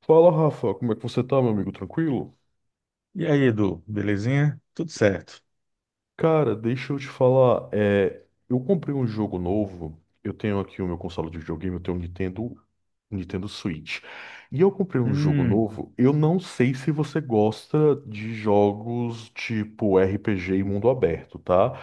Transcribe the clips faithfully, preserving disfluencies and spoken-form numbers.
Fala, Rafa, como é que você tá, meu amigo? Tranquilo? E aí, Edu, belezinha? Tudo certo. Cara, deixa eu te falar. É, eu comprei um jogo novo. Eu tenho aqui o meu console de videogame, eu tenho um Nintendo, um Nintendo Switch. E eu comprei um jogo Hum, novo. Eu não sei se você gosta de jogos tipo R P G e mundo aberto, tá?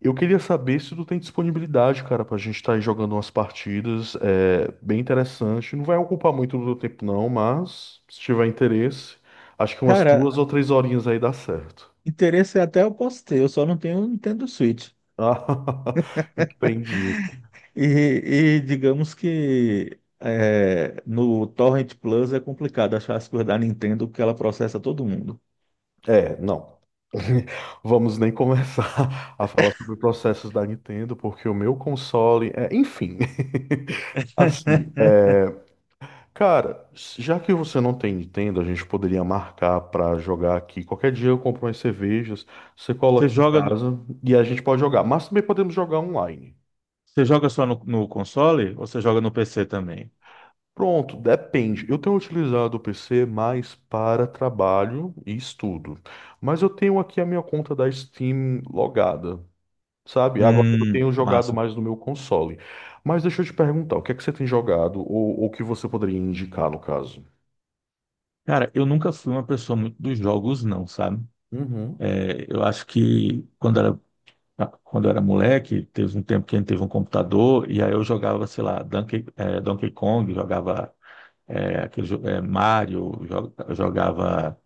Eu queria saber se tu tem disponibilidade, cara, pra gente estar aí jogando umas partidas. É bem interessante. Não vai ocupar muito do teu tempo, não, mas se tiver interesse, acho que umas duas cara, ou três horinhas aí dá certo. interesse até eu posso ter, eu só não tenho um Nintendo Switch. Ah, entendi. E, e digamos que é, no Torrent Plus é complicado achar as coisas da Nintendo porque ela processa todo mundo. É, não. Vamos nem começar a falar sobre processos da Nintendo, porque o meu console é, enfim. Assim, é, cara, já que você não tem Nintendo, a gente poderia marcar pra jogar aqui. Qualquer dia eu compro umas cervejas, você cola Você aqui em joga, no- casa e a gente pode jogar. Mas também podemos jogar online. Você joga só no, no console ou você joga no P C também? Pronto, depende. Eu tenho utilizado o P C mais para trabalho e estudo. Mas eu tenho aqui a minha conta da Steam logada, sabe? Agora eu Hum, tenho jogado massa. mais no meu console. Mas deixa eu te perguntar, o que é que você tem jogado ou o que você poderia indicar no caso? Cara, eu nunca fui uma pessoa muito dos jogos, não, sabe? Uhum, É, eu acho que quando era Ah, quando eu era moleque, teve um tempo que a gente teve um computador e aí eu jogava, sei lá, Donkey, eh, Donkey Kong, jogava eh, aquele, jo- eh, Mario, jo- jogava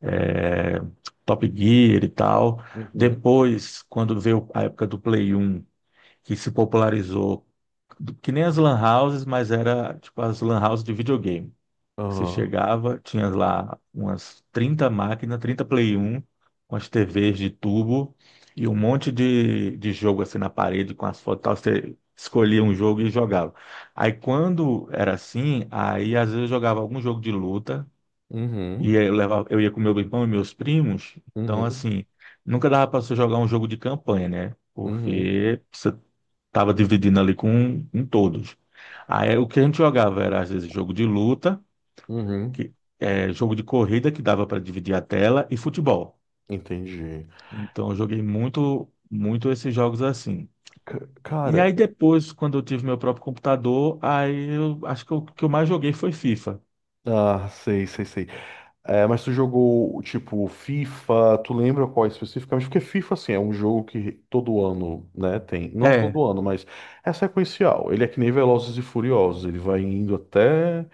eh, Top Gear e tal. uhum, Depois, quando veio a época do Play um, que se popularizou, que nem as lan houses, mas era tipo as lan houses de videogame. Você aham, chegava, tinha lá umas trinta máquinas, trinta Play um, com as T Vs de tubo e um monte de, de jogo assim na parede com as fotos e tal. Você escolhia um jogo e jogava. Aí quando era assim, aí às vezes eu jogava algum jogo de luta e uhum, aí eu, levava, eu ia com meu irmão e meus primos. Então, uhum, assim, nunca dava para você jogar um jogo de campanha, né? uhum, Porque você tava dividindo ali com, com todos. Aí o que a gente jogava era às vezes jogo de luta uhum. que é, jogo de corrida que dava para dividir a tela e futebol. Entendi. Então eu joguei muito, muito esses jogos assim. Ca- E Cara, aí depois, quando eu tive meu próprio computador, aí eu acho que o que eu mais joguei foi FIFA. ah, sei, sei, sei. É, mas tu jogou, tipo, FIFA, tu lembra qual especificamente? Porque FIFA, assim, é um jogo que todo ano, né, tem. Não É, todo ano, mas é sequencial. Ele é que nem Velozes e Furiosos, ele vai indo até...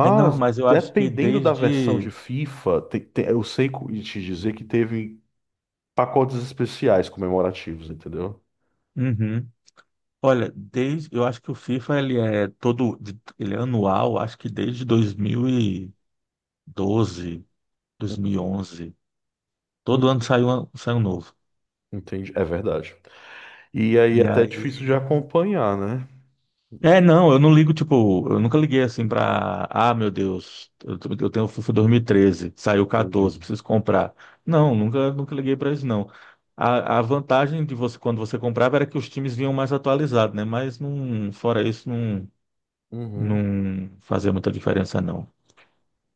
é não, mas eu acho que dependendo da versão desde. de FIFA, te- te- eu sei co- te dizer que teve pacotes especiais comemorativos, entendeu? Uhum. Olha, desde eu acho que o FIFA ele é todo de- ele é anual, acho que desde dois mil e doze, onze, Hum, todo ano sai um, sai um novo. Entendi, é verdade. E aí é E até difícil de aí acompanhar, né? é, não, eu não ligo, tipo, eu nunca liguei assim pra. Ah, meu Deus, eu, tô- eu tenho o FIFA dois mil e treze, saiu Entendi. catorze, preciso comprar. Não, nunca, nunca liguei pra isso, não. A, a vantagem de você, quando você comprava, era que os times vinham mais atualizados, né? Mas não, fora isso, não, Uhum. não fazia muita diferença, não.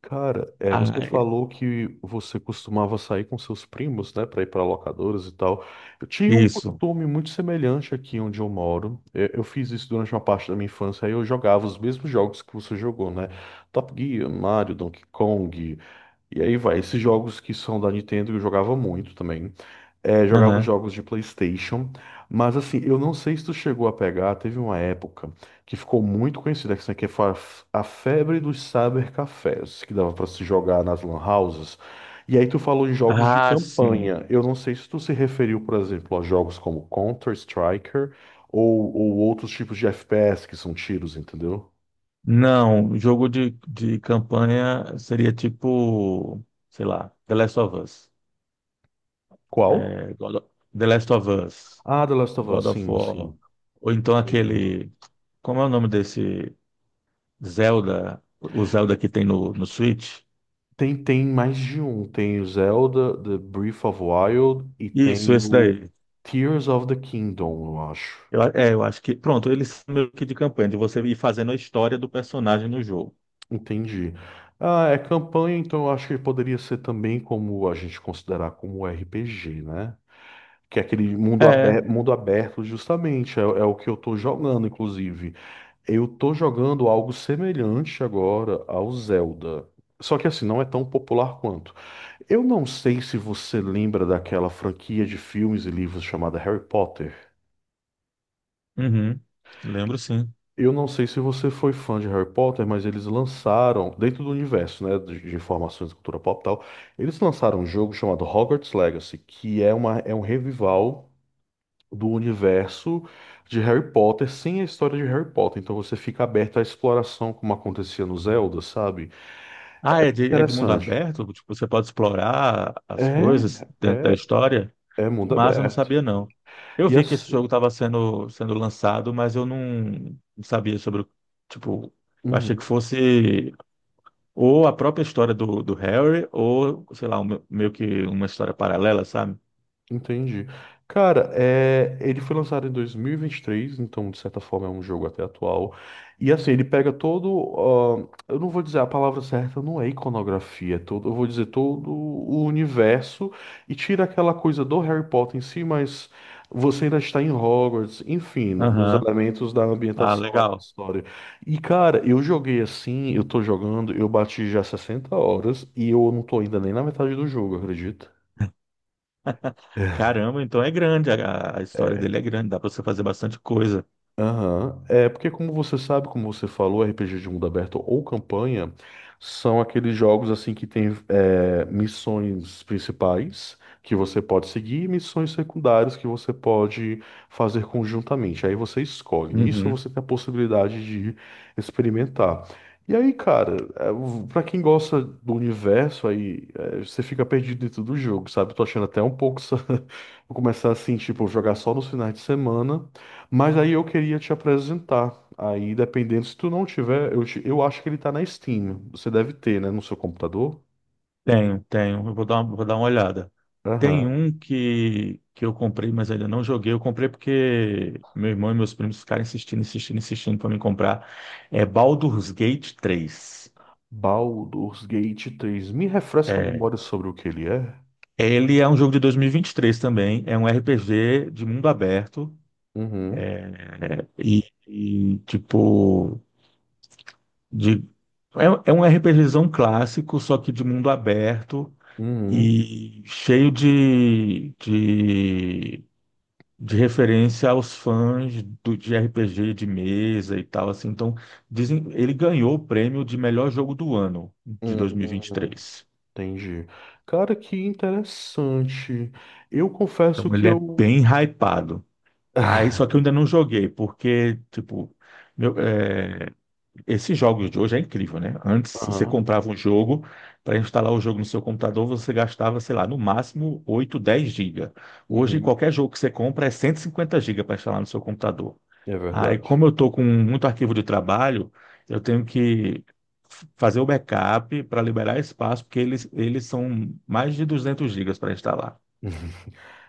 Cara, é, você Ah, falou que você costumava sair com seus primos, né, para ir para locadoras e tal. Eu tinha um isso. costume muito semelhante aqui onde eu moro. É, eu fiz isso durante uma parte da minha infância. Aí eu jogava os mesmos jogos que você jogou, né? Top Gear, Mario, Donkey Kong. E aí vai, esses jogos que são da Nintendo eu jogava muito também. É, jogava os Aham. jogos de PlayStation, mas assim, eu não sei se tu chegou a pegar, teve uma época que ficou muito conhecida, que isso aqui foi a f- a febre dos cybercafés, que dava pra se jogar nas lan houses. E aí tu falou em jogos de Ah, sim. campanha. Eu não sei se tu se referiu, por exemplo, a jogos como Counter-Striker ou, ou outros tipos de F P S que são tiros, entendeu? Não, jogo de, de campanha seria tipo, sei lá, The Last of Us. Qual? É, God of- The Last of Us. Ah, The Last of Us, God of sim, War, sim. ou então Entendi. aquele, como é o nome desse Zelda, o Zelda que tem no, no Switch? Tem, tem mais de um. Tem o Zelda, The Breath of Wild e Isso, tem esse o daí. Tears of the Kingdom, eu acho. Eu, a- é, eu acho que, pronto, eles são meio que de campanha, de você ir fazendo a história do personagem no jogo. Entendi. Ah, é campanha, então eu acho que poderia ser também como a gente considerar como R P G, né? Que é aquele mundo É, aberto, mundo aberto justamente, é, é o que eu tô jogando, inclusive. Eu tô jogando algo semelhante agora ao Zelda. Só que assim, não é tão popular quanto. Eu não sei se você lembra daquela franquia de filmes e livros chamada Harry Potter. uhum, lembro sim. Eu não sei se você foi fã de Harry Potter, mas eles lançaram, dentro do universo, né, de de informações de cultura pop e tal, eles lançaram um jogo chamado Hogwarts Legacy, que é uma, é um revival do universo de Harry Potter sem a história de Harry Potter. Então você fica aberto à exploração, como acontecia no Zelda, sabe? Ah, é de, é de mundo Interessante. aberto? Tipo, você pode explorar É, as coisas dentro da é, história? é Que mundo massa, eu não aberto. sabia não. Eu E vi que esse assim. jogo estava sendo, sendo lançado, mas eu não, não sabia sobre. O- tipo, eu achei que fosse. Ou a própria história do, do Harry, ou, sei lá, um- meio que uma história paralela, sabe? Entendi. Cara, é, ele foi lançado em dois mil e vinte e três, então de certa forma é um jogo até atual. E assim, ele pega todo, ah, eu não vou dizer a palavra certa, não é iconografia, é todo, eu vou dizer todo o universo e tira aquela coisa do Harry Potter em si, mas você ainda está em Hogwarts, enfim, no- nos Aham. elementos da Ah, ambientação lá da legal. história. E cara, eu joguei assim, eu tô jogando, eu bati já sessenta horas e eu não tô ainda nem na metade do jogo, acredita? Caramba, então é grande, a, a história dele é grande, dá pra você fazer bastante coisa. Aham. É porque, como você sabe, como você falou, R P G de mundo aberto ou campanha são aqueles jogos assim que tem é, missões principais que você pode seguir e missões secundárias que você pode fazer conjuntamente. Aí você escolhe. Nisso Uhum. você tem a possibilidade de experimentar. E aí, cara, é, pra quem gosta do universo, aí é, você fica perdido dentro do jogo, sabe? Tô achando até um pouco. Vou começar assim, tipo, jogar só nos finais de semana. Mas aí eu queria te apresentar. Aí, dependendo, se tu não tiver, eu, te- eu acho que ele tá na Steam. Você deve ter, né, no seu computador? Tenho, tenho. Eu vou dar uma, vou dar uma olhada. Tem Aham. um que, que eu comprei, mas ainda não joguei. Eu comprei porque meu irmão e meus primos ficaram insistindo, insistindo, insistindo para me comprar. É Baldur's Gate três. Baldur's Gate três. Me refresca a É. memória sobre o que ele é. Ele é um jogo de dois mil e e vinte e três também. É um R P G de mundo aberto. Uhum. É, E, e, tipo, de, é, é um RPGzão clássico, só que de mundo aberto Uhum. e cheio de, de, de referência aos fãs do, de R P G de mesa e tal, assim. Então, dizem, ele ganhou o prêmio de melhor jogo do ano de Uhum. dois mil e vinte e três. Entendi. Cara, que interessante. Eu confesso Então, que ele é eu. bem hypado. Aí, só que eu ainda não joguei, porque, tipo, meu, é, esses jogos de hoje é incrível, né? Antes você Aham. comprava um jogo, para instalar o jogo no seu computador, você gastava, sei lá, no máximo oito, dez gigas. Hoje, Uhum. qualquer jogo que você compra é cento e cinquenta gigas para instalar no seu computador. É Aí, verdade. como eu estou com muito arquivo de trabalho, eu tenho que f- fazer o backup para liberar espaço, porque eles, eles são mais de duzentos gigas para instalar.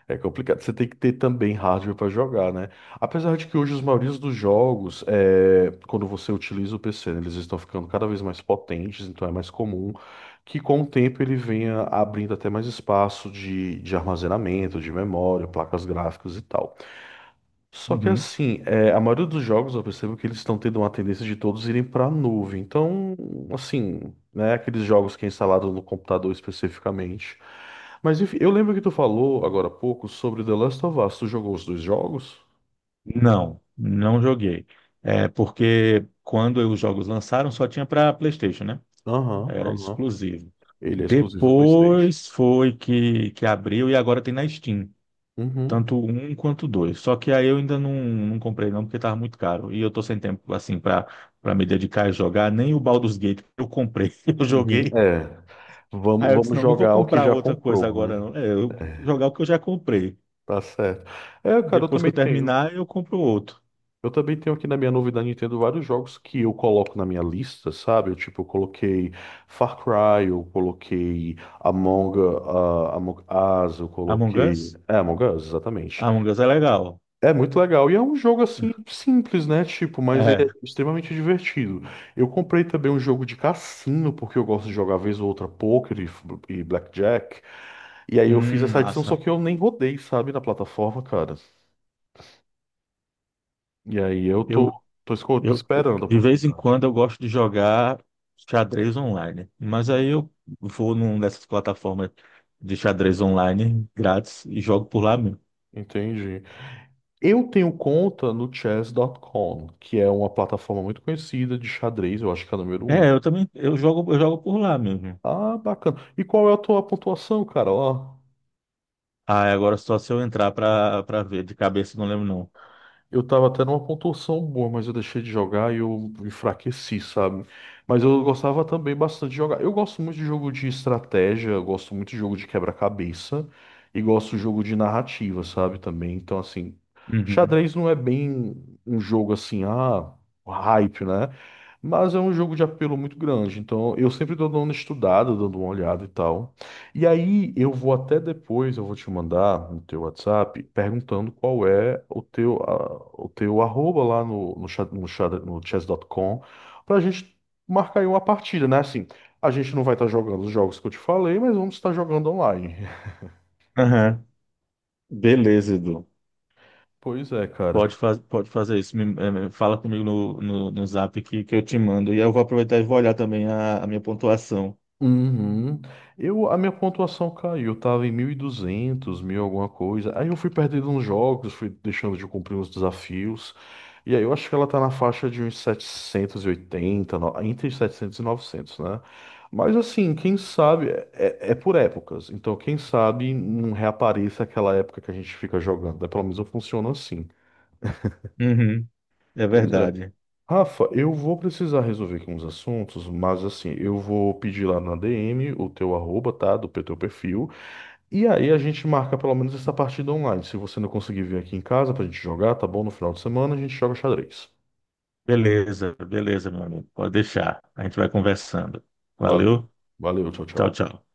É complicado. Você tem que ter também hardware para jogar, né? Apesar de que hoje os maiores dos jogos, é, quando você utiliza o P C, né, eles estão ficando cada vez mais potentes, então é mais comum que com o tempo ele venha abrindo até mais espaço de, de armazenamento, de memória, placas gráficas e tal. Só que Uhum. assim, é, a maioria dos jogos eu percebo que eles estão tendo uma tendência de todos irem para a nuvem. Então, assim, né, aqueles jogos que é instalado no computador especificamente. Mas enfim, eu lembro que tu falou agora há pouco sobre The Last of Us. Tu jogou os dois jogos? Não, não joguei. É porque quando os jogos lançaram, só tinha para PlayStation, né? Aham, Era aham. exclusivo. Ele é exclusivo ao PlayStation. Depois foi que, que abriu e agora tem na Steam. Uhum, Tanto o um quanto o dois. Só que aí eu ainda não, não comprei não, porque tava muito caro. E eu tô sem tempo, assim, pra, pra me dedicar a jogar. Nem o Baldur's Gate que eu comprei. Eu uhum. joguei. É. Vamos, Aí eu disse, vamos não, não vou jogar o que comprar já outra coisa comprou, agora, né? não. É, eu vou jogar o que eu já comprei. Tá certo. É, cara, eu Depois que também eu tenho. terminar, eu compro outro. Eu também tenho aqui na minha novidade Nintendo vários jogos que eu coloco na minha lista, sabe? Eu, tipo, eu coloquei Far Cry, eu coloquei Among, ah, Among Us, eu Among coloquei. Us? É, Among Us, exatamente. Among Us é legal. É muito legal. E é um jogo assim simples, né? Tipo, mas ele É. é extremamente divertido. Eu comprei também um jogo de cassino, porque eu gosto de jogar vez ou outra poker e, f- e blackjack. E aí eu fiz Hum, essa edição, só massa. que eu nem rodei, sabe, na plataforma, cara. E aí eu tô, Eu, tô esco- Eu, esperando a de vez em oportunidade. quando eu gosto de jogar xadrez online, mas aí eu vou numa dessas plataformas de xadrez online grátis e jogo por lá mesmo. Entendi. Eu tenho conta no chess ponto com, que é uma plataforma muito conhecida de xadrez, eu acho que é a número um. É, eu também, eu jogo, eu jogo por lá mesmo. Ah, bacana. E qual é a tua pontuação, cara? Ó. Ah, é, agora só se eu entrar pra, pra ver, de cabeça eu não lembro não. Eu tava até numa pontuação boa, mas eu deixei de jogar e eu enfraqueci, sabe? Mas eu gostava também bastante de jogar. Eu gosto muito de jogo de estratégia, eu gosto muito de jogo de quebra-cabeça e gosto de jogo de narrativa, sabe? Também. Então, assim, Uhum. xadrez não é bem um jogo assim, ah, hype, né? Mas é um jogo de apelo muito grande. Então, eu sempre tô dando uma estudada, dando uma olhada e tal. E aí, eu vou até depois, eu vou te mandar no teu WhatsApp perguntando qual é o teu, a- o teu arroba lá no, no, chat- no, chat- no chess ponto com pra gente marcar aí uma partida, né? Assim, a gente não vai estar jogando os jogos que eu te falei, mas vamos estar jogando online. Aham. Beleza, Edu. Pois é, cara. Pode, faz, pode fazer isso. Me- eh, me- fala comigo no, no, no zap que, que eu te mando. E eu vou aproveitar e vou olhar também a, a minha pontuação. Uhum. Eu, a minha pontuação caiu, eu tava em mil e duzentos mil alguma coisa. Aí eu fui perdendo uns jogos, fui deixando de cumprir uns desafios. E aí eu acho que ela tá na faixa de uns setecentos e oitenta, no- entre setecentos e novecentos, né? Mas assim, quem sabe, é, é é por épocas. Então, quem sabe não reapareça aquela época que a gente fica jogando, né? Pelo menos funciona assim. Uhum. É Pois é. verdade. Rafa, eu vou precisar resolver aqui uns assuntos, mas assim, eu vou pedir lá na D M o teu arroba, tá? Do teu perfil. E aí a gente marca pelo menos essa partida online. Se você não conseguir vir aqui em casa pra gente jogar, tá bom? No final de semana a gente joga xadrez. Beleza, beleza, meu amigo. Pode deixar. A gente vai conversando. Valeu. Valeu. Valeu, tchau, Tchau, tchau. tchau.